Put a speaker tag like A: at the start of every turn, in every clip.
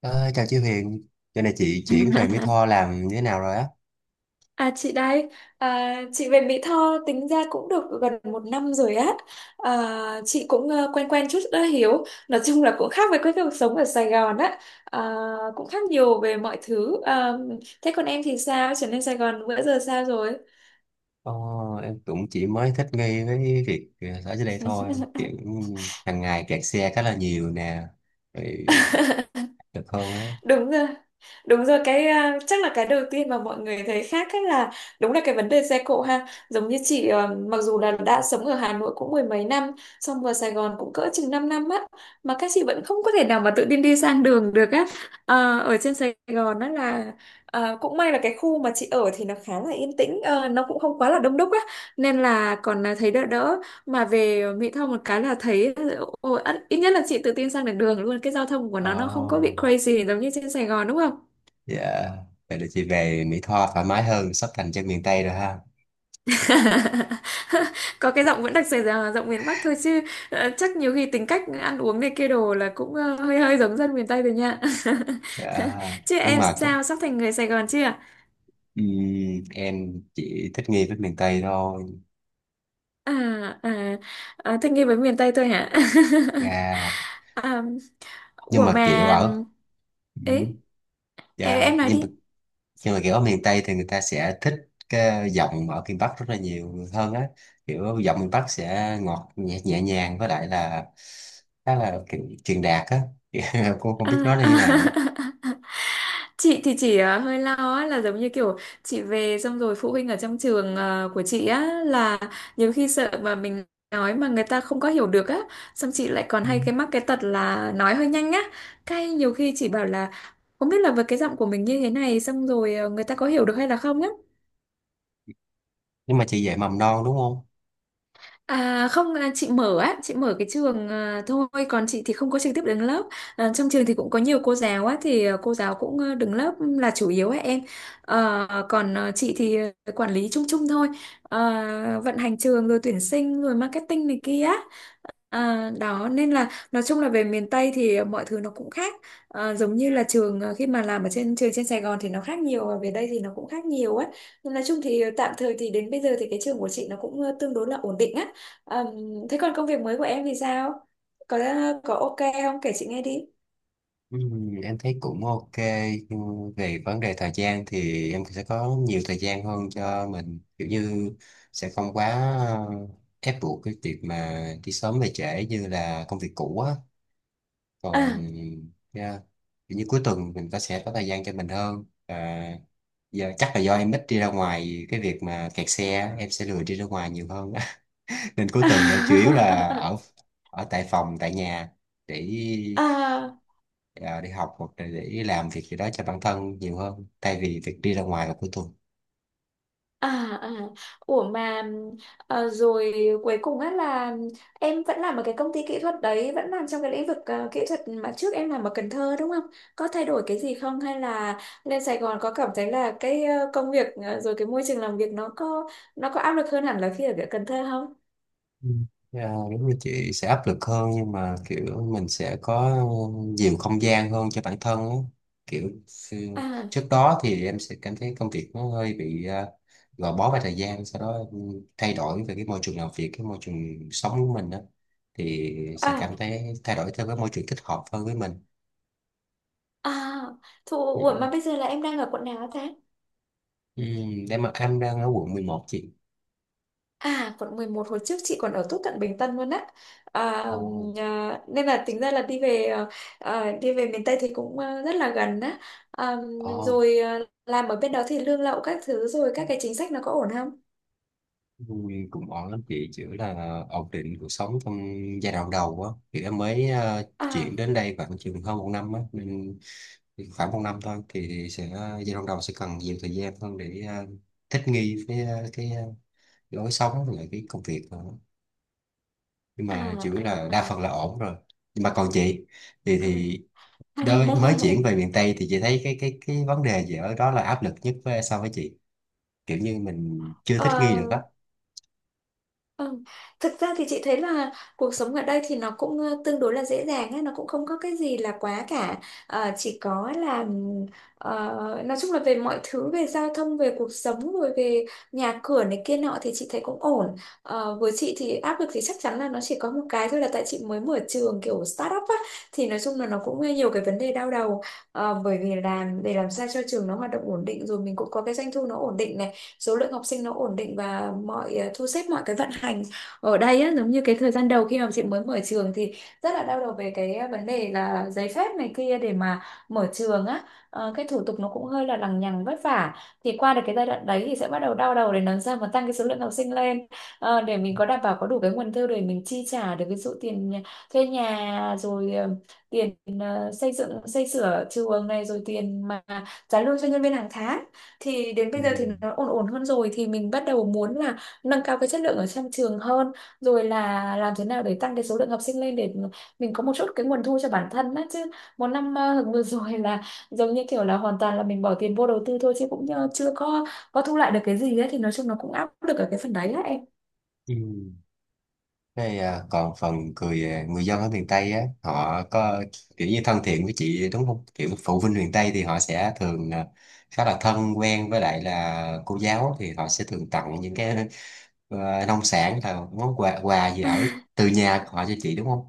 A: Ờ, chào chị Huyền, giờ này chị chuyển về Mỹ Tho làm như thế nào rồi á?
B: À, chị đây, chị về Mỹ Tho tính ra cũng được gần một năm rồi á. À, chị cũng quen quen chút đã hiểu. Nói chung là cũng khác với cái cuộc sống ở Sài Gòn á. À, cũng khác nhiều về mọi thứ. À, thế còn em thì sao? Trở lên Sài Gòn bữa giờ sao rồi?
A: Ờ, em cũng chỉ mới thích nghi với việc ở dưới đây thôi, kiểu hàng ngày kẹt xe khá là nhiều nè, rồi được hơn á.
B: Đúng rồi. Đúng rồi chắc là cái đầu tiên mà mọi người thấy khác ấy là đúng là cái vấn đề xe cộ ha. Giống như chị mặc dù là đã sống ở Hà Nội cũng mười mấy năm, xong vào Sài Gòn cũng cỡ chừng 5 năm á mà các chị vẫn không có thể nào mà tự tin đi sang đường được á. Ờ, ở trên Sài Gòn đó là cũng may là cái khu mà chị ở thì nó khá là yên tĩnh, nó cũng không quá là đông đúc á nên là còn thấy đỡ đỡ mà về Mỹ Tho một cái là thấy ôi, ít ít nhất là chị tự tin sang được đường luôn, cái giao thông của
A: Ờ,
B: nó không có bị crazy giống như trên Sài Gòn đúng không.
A: dạ, vậy là chị về Mỹ Tho thoải mái hơn, sắp thành chân miền Tây rồi ha.
B: Có cái giọng vẫn đặc Sài Gòn, giọng miền Bắc thôi chứ chắc nhiều khi tính cách ăn uống này kia đồ là cũng hơi hơi giống dân miền Tây rồi nha.
A: Dạ,
B: Chứ
A: nhưng
B: em
A: mà
B: sao, sắp thành người Sài Gòn chưa à?
A: em chỉ thích nghi với miền Tây thôi.
B: À, à thích nghi với miền Tây thôi hả?
A: Dạ,
B: À,
A: nhưng
B: ủa
A: mà kiểu
B: mà
A: ở,
B: ấy,
A: ừm,
B: em,
A: dạ,
B: em nói
A: nhưng mà
B: đi.
A: nhưng mà kiểu ở miền Tây thì người ta sẽ thích cái giọng ở miền Bắc rất là nhiều hơn á, kiểu giọng miền Bắc sẽ ngọt nhẹ, nhẹ nhàng, với lại là khá là kiểu truyền đạt á. Cô không biết nói
B: À,
A: là
B: à.
A: như nào nữa.
B: Chị thì chỉ hơi lo á, là giống như kiểu chị về xong rồi phụ huynh ở trong trường của chị á là nhiều khi sợ mà mình nói mà người ta không có hiểu được á, xong chị lại còn
A: Ừ,
B: hay mắc cái tật là nói hơi nhanh á, cái nhiều khi chị bảo là không biết là với cái giọng của mình như thế này xong rồi người ta có hiểu được hay là không á.
A: nhưng mà chị dạy mầm non đúng không?
B: À, không à, chị mở á, chị mở cái trường thôi, còn chị thì không có trực tiếp đứng lớp. À, trong trường thì cũng có nhiều cô giáo á, thì cô giáo cũng đứng lớp là chủ yếu á em. Ờ, còn chị thì quản lý chung chung thôi. Ờ, vận hành trường rồi tuyển sinh rồi marketing này kia. À, đó nên là nói chung là về miền Tây thì mọi thứ nó cũng khác. À, giống như là trường khi mà làm ở trên trường trên Sài Gòn thì nó khác nhiều, và về đây thì nó cũng khác nhiều ấy. Nhưng nói chung thì tạm thời thì đến bây giờ thì cái trường của chị nó cũng tương đối là ổn định á. À, thế còn công việc mới của em thì sao, có có ok không, kể chị nghe đi.
A: ừ, em thấy cũng ok. Ừ, về vấn đề thời gian thì em sẽ có nhiều thời gian hơn cho mình, kiểu như sẽ không quá ờ, ép buộc cái việc mà đi sớm về trễ như là công việc cũ á. Còn
B: À,
A: yeah, kiểu như cuối tuần mình có sẽ có thời gian cho mình hơn à, giờ chắc là do em ít đi ra ngoài, cái việc mà kẹt xe á, em sẽ lười đi ra ngoài nhiều hơn. Nên cuối tuần em chủ yếu là ở ở tại phòng tại nhà để
B: à.
A: đi học hoặc là để làm việc gì đó cho bản thân nhiều hơn thay vì việc đi ra ngoài vào cuối tuần.
B: À, à. Ủa mà rồi cuối cùng á là em vẫn làm ở cái công ty kỹ thuật đấy, vẫn làm trong cái lĩnh vực kỹ thuật mà trước em làm ở Cần Thơ đúng không? Có thay đổi cái gì không, hay là lên Sài Gòn có cảm thấy là cái công việc rồi cái môi trường làm việc nó có áp lực hơn hẳn là khi ở Cần Thơ không?
A: Ừ. Dạ, đúng là chị sẽ áp lực hơn, nhưng mà kiểu mình sẽ có nhiều không gian hơn cho bản thân á. Kiểu ừ,
B: À,
A: trước đó thì em sẽ cảm thấy công việc nó hơi bị gò bó về thời gian. Sau đó thay đổi về cái môi trường làm việc, cái môi trường sống của mình á thì sẽ
B: à,
A: cảm thấy thay đổi theo cái môi trường thích hợp hơn với mình.
B: à Thụ, ủa mà
A: Ừ.
B: bây giờ là em đang ở quận nào hả ta?
A: Ừ, em đang ở quận 11 chị.
B: À, quận 11, hồi trước chị còn ở tốt cận Bình Tân luôn á. À,
A: Ồ,
B: à, nên là tính ra là đi về đi về miền Tây thì cũng rất là gần á. À,
A: oh,
B: rồi làm ở bên đó thì lương lậu các thứ rồi các cái chính sách nó có ổn không?
A: vui cũng ổn lắm chị, chỉ là ổn định cuộc sống trong giai đoạn đầu á thì em mới
B: À,
A: chuyển đến đây khoảng chừng hơn 1 năm á nên khoảng 1 năm thôi thì sẽ, giai đoạn đầu sẽ cần nhiều thời gian hơn để thích nghi với lối sống và lại cái công việc nữa. Nhưng
B: à,
A: mà chủ yếu là đa
B: à,
A: phần là ổn rồi. Nhưng mà còn chị thì
B: à,
A: mới chuyển về miền Tây thì chị thấy cái vấn đề gì ở đó là áp lực nhất với so với chị, kiểu như mình chưa thích nghi
B: à.
A: được á.
B: Ừ. Thực ra thì chị thấy là cuộc sống ở đây thì nó cũng tương đối là dễ dàng ấy, nó cũng không có cái gì là quá cả. Ờ, chỉ có là nói chung là về mọi thứ, về giao thông, về cuộc sống, rồi về nhà cửa này kia nọ thì chị thấy cũng ổn. Ờ, với chị thì áp lực thì chắc chắn là nó chỉ có một cái thôi, là tại chị mới mở trường kiểu startup á thì nói chung là nó cũng nhiều cái vấn đề đau đầu. Ờ, bởi vì là để làm sao cho trường nó hoạt động ổn định, rồi mình cũng có cái doanh thu nó ổn định này, số lượng học sinh nó ổn định, và mọi thu xếp mọi cái vận hành ở đây á, giống như cái thời gian đầu khi mà chị mới mở trường thì rất là đau đầu về cái vấn đề là giấy phép này kia để mà mở trường á. Ờ, cái thủ tục nó cũng hơi là lằng nhằng vất vả, thì qua được cái giai đoạn đấy thì sẽ bắt đầu đau đầu để làm sao mà tăng cái số lượng học sinh lên. Ờ, để mình có đảm bảo, có đủ cái nguồn thu để mình chi trả được, ví dụ tiền nhà- thuê nhà rồi tiền xây dựng xây sửa trường này, rồi tiền mà trả lương cho nhân viên hàng tháng. Thì đến
A: Ừ.
B: bây giờ thì nó ổn ổn hơn rồi thì mình bắt đầu muốn là nâng cao cái chất lượng ở trong trường hơn, rồi là làm thế nào để tăng cái số lượng học sinh lên để mình có một chút cái nguồn thu cho bản thân á, chứ một năm vừa rồi là giống như kiểu là hoàn toàn là mình bỏ tiền vô đầu tư thôi, chứ cũng chưa có có thu lại được cái gì ấy, thì nói chung nó cũng áp lực ở cái phần đấy á em.
A: Ừ. Thế, à, còn phần người dân ở miền Tây á, họ có kiểu như thân thiện với chị đúng không? Kiểu phụ huynh miền Tây thì họ sẽ thường à, khá là thân quen, với lại là cô giáo thì họ sẽ thường tặng những cái nông sản hay là món quà quà gì ở từ nhà của họ cho chị đúng không?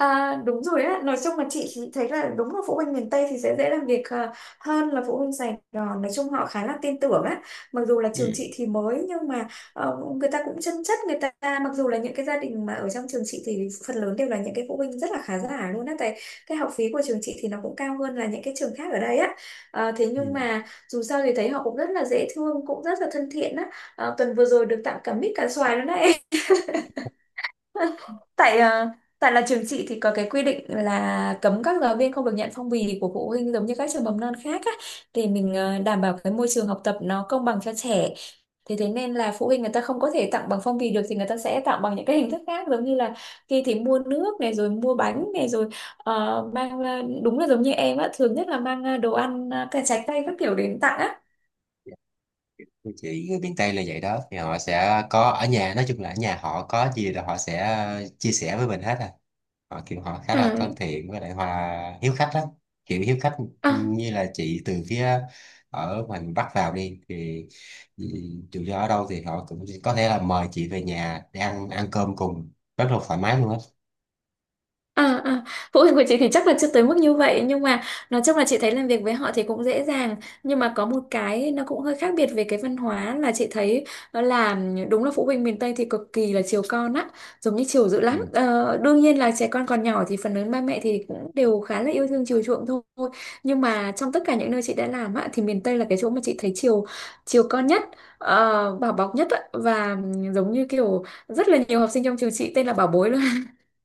B: À, đúng rồi á, nói chung là chị thì thấy là đúng là phụ huynh miền Tây thì sẽ dễ làm việc hơn là phụ huynh Sài Gòn, nói chung họ khá là tin tưởng á, mặc dù là trường
A: Ừ.
B: chị thì mới, nhưng mà người ta cũng chân chất. Người ta mặc dù là những cái gia đình mà ở trong trường chị thì phần lớn đều là những cái phụ huynh rất là khá giả luôn á, tại cái học phí của trường chị thì nó cũng cao hơn là những cái trường khác ở đây á. Ờ, thế nhưng
A: Ừ.
B: mà dù sao thì thấy họ cũng rất là dễ thương, cũng rất là thân thiện á. Ờ, tuần vừa rồi được tặng cả mít cả xoài luôn đấy. Tại tại là trường chị thì có cái quy định là cấm các giáo viên không được nhận phong bì của phụ huynh giống như các trường mầm non khác á, để mình đảm bảo cái môi trường học tập nó công bằng cho trẻ. Thế Thế nên là phụ huynh người ta không có thể tặng bằng phong bì được thì người ta sẽ tặng bằng những cái hình thức khác, giống như là khi thì mua nước này rồi mua bánh này rồi mang đúng là giống như em á, thường nhất là mang đồ ăn cả trái cây các kiểu đến tặng á.
A: Dạ. Thì chị miền Tây là vậy đó, thì họ sẽ có ở nhà, nói chung là ở nhà họ có gì là họ sẽ chia sẻ với mình hết à. Họ kiểu họ khá là thân thiện, với lại hòa hiếu khách đó, kiểu hiếu khách.
B: À,
A: Như là chị từ phía ở mình bắt vào đi thì ừ, dù do ở đâu thì họ cũng có thể là mời chị về nhà để ăn ăn cơm cùng, rất là thoải mái luôn á.
B: à, à, phụ huynh của chị thì chắc là chưa tới mức như vậy, nhưng mà nói chung là chị thấy làm việc với họ thì cũng dễ dàng. Nhưng mà có một cái nó cũng hơi khác biệt về cái văn hóa là chị thấy, đó là đúng là phụ huynh miền Tây thì cực kỳ là chiều con á, giống như chiều dữ
A: Ừ.
B: lắm. Ờ, Đương nhiên là trẻ con còn nhỏ thì phần lớn ba mẹ thì cũng đều khá là yêu thương chiều chuộng thôi, nhưng mà trong tất cả những nơi chị đã làm á thì miền Tây là cái chỗ mà chị thấy chiều chiều con nhất, bảo bọc nhất á, và giống như kiểu rất là nhiều học sinh trong trường chị tên là bảo bối,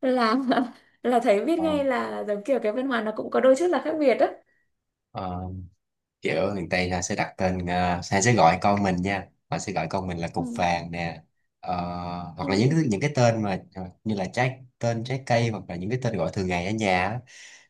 B: là là thấy biết
A: Ờ,
B: ngay là giống kiểu cái văn hóa nó cũng có đôi chút là khác biệt á.
A: ờ, kiểu ở miền Tây là sẽ đặt tên ờ, hay sẽ gọi con mình nha, họ sẽ gọi con mình là cục
B: Ừ.
A: vàng nè. Ờ,
B: Ừ,
A: hoặc là những
B: ừ.
A: cái những cái tên mà như là trái tên trái cây, hoặc là những cái tên gọi thường ngày ở nhà á.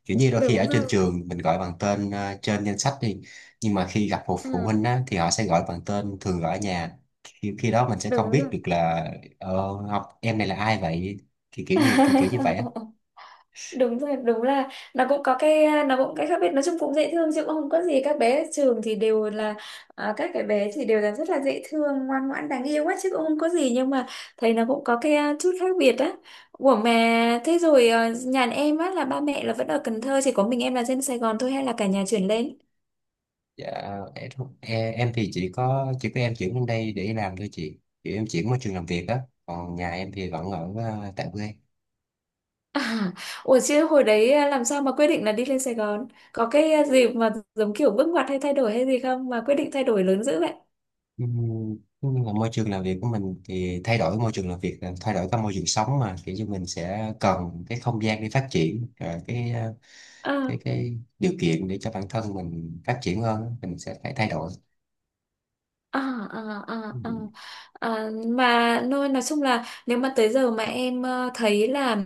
A: Kiểu như đôi khi
B: Đúng
A: ở trên
B: rồi.
A: trường mình gọi bằng tên trên danh sách đi, nhưng mà khi gặp một phụ huynh
B: Ừ.
A: á, thì họ sẽ gọi bằng tên thường gọi ở nhà. Khi đó mình sẽ không
B: Đúng
A: biết
B: rồi.
A: được là học em này là ai vậy. Thì kiểu như kiểu như vậy á.
B: Đúng rồi, đúng là nó cũng cái khác biệt, nói chung cũng dễ thương chứ cũng không có gì. Các cái bé thì đều là rất là dễ thương, ngoan ngoãn, đáng yêu quá chứ cũng không có gì, nhưng mà thấy nó cũng có cái chút khác biệt á. Ủa mà thế rồi nhà em á là ba mẹ là vẫn ở Cần Thơ, chỉ có mình em là dân Sài Gòn thôi hay là cả nhà chuyển lên?
A: Dạ, em thì chỉ có em chuyển lên đây để đi làm thôi chị, kiểu em chuyển môi trường làm việc á. Còn nhà em thì vẫn ở tại quê.
B: À, ủa chứ hồi đấy làm sao mà quyết định là đi lên Sài Gòn? Có cái gì mà giống kiểu bước ngoặt hay thay đổi hay gì không mà quyết định thay đổi lớn dữ vậy?
A: Nhưng mà môi trường làm việc của mình thì thay đổi môi trường làm việc là thay đổi cả môi trường sống mà, kiểu như mình sẽ cần cái không gian để phát triển và cái ờ,
B: À.
A: cái điều kiện để cho bản thân mình phát triển hơn á, mình sẽ phải thay đổi.
B: À, à, à, à.
A: Ừm,
B: À, mà nói chung là nếu mà tới giờ mà em thấy là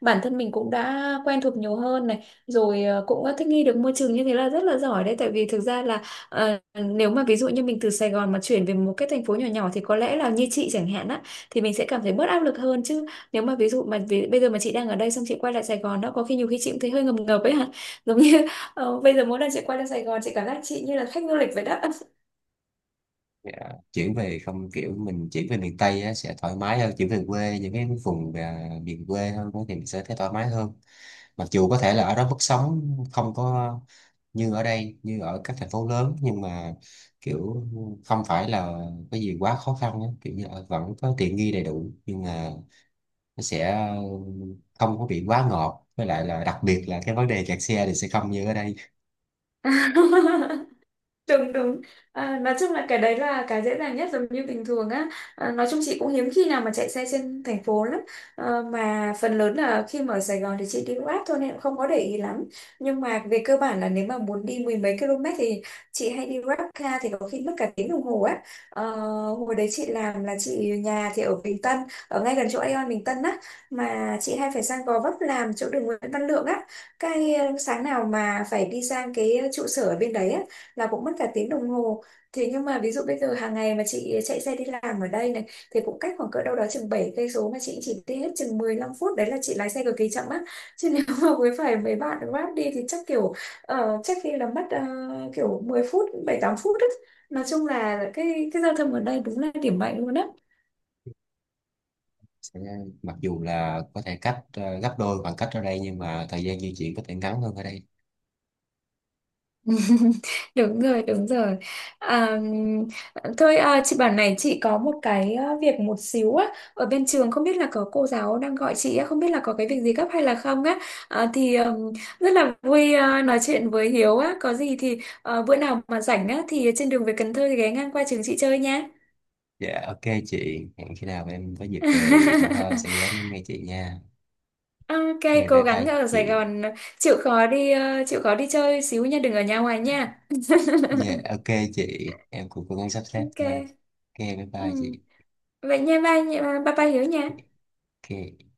B: bản thân mình cũng đã quen thuộc nhiều hơn này rồi, cũng đã thích nghi được môi trường như thế là rất là giỏi đấy, tại vì thực ra là nếu mà ví dụ như mình từ Sài Gòn mà chuyển về một cái thành phố nhỏ nhỏ thì có lẽ là như chị chẳng hạn á, thì mình sẽ cảm thấy bớt áp lực hơn chứ. Nếu mà ví dụ mà vì, bây giờ mà chị đang ở đây xong chị quay lại Sài Gòn đó, có khi nhiều khi chị cũng thấy hơi ngập ngập ấy hả. Giống như bây giờ mỗi lần chị quay lại Sài Gòn chị cảm giác chị như là khách du lịch vậy đó.
A: dạ. Chuyển về không, kiểu mình chuyển về miền Tây á, sẽ thoải mái hơn, chuyển về quê những cái vùng miền quê hơn á thì mình sẽ thấy thoải mái hơn. Mặc dù có thể là ở đó mức sống không có như ở đây, như ở các thành phố lớn, nhưng mà kiểu không phải là cái gì quá khó khăn á. Kiểu như vẫn có tiện nghi đầy đủ nhưng mà nó sẽ không có bị quá ngọt, với lại là đặc biệt là cái vấn đề kẹt xe thì sẽ không như ở đây.
B: Đúng đúng. À, nói chung là cái đấy là cái dễ dàng nhất, giống như bình thường á. À, nói chung chị cũng hiếm khi nào mà chạy xe trên thành phố lắm. Ờ, mà phần lớn là khi mà ở Sài Gòn thì chị đi Grab thôi nên cũng không có để ý lắm, nhưng mà về cơ bản là nếu mà muốn đi mười mấy km thì chị hay đi Grab car thì có khi mất cả tiếng đồng hồ á. Ờ, hồi đấy chị làm là chị nhà thì ở Bình Tân, ở ngay gần chỗ Aeon Bình Tân á, mà chị hay phải sang Gò Vấp làm chỗ đường Nguyễn Văn Lượng á, cái sáng nào mà phải đi sang cái trụ sở ở bên đấy á là cũng mất cả tiếng đồng hồ. Thế nhưng mà ví dụ bây giờ hàng ngày mà chị chạy xe đi làm ở đây này thì cũng cách khoảng cỡ đâu đó chừng 7 cây số mà chị chỉ đi hết chừng 15 phút, đấy là chị lái xe cực kỳ chậm á. Chứ nếu mà với phải mấy bạn Grab đi thì chắc kiểu chắc khi là mất kiểu 10 phút, 7-8 phút á. Nói chung là cái giao thông ở đây đúng là điểm mạnh luôn á.
A: Sẽ mặc dù là có thể cách gấp đôi khoảng cách ở đây nhưng mà thời gian di chuyển có thể ngắn hơn ở đây.
B: Đúng rồi, đúng rồi. À, thôi chị bảo này, chị có một cái việc một xíu á ở bên trường, không biết là có cô giáo đang gọi chị á, không biết là có cái việc gì gấp hay là không á. À, thì rất là vui nói chuyện với Hiếu á, có gì thì bữa nào mà rảnh á thì trên đường về Cần Thơ thì ghé ngang qua trường chị chơi nha.
A: Dạ ok chị, hẹn khi nào em có dịp về Mỹ Tho em sẽ ghé nghe chị nha.
B: Ok.
A: Ok,
B: Cố
A: bye
B: gắng
A: bye
B: ở Sài
A: chị.
B: Gòn, chịu khó đi chơi xíu nha, đừng ở nhà hoài nha.
A: Dạ, ok chị, em cũng cố gắng sắp xếp nha.
B: Ok.
A: Ok, bye bye chị.
B: Ừ. Vậy nha, ba, ba, ba ba hiểu nha.
A: Ok.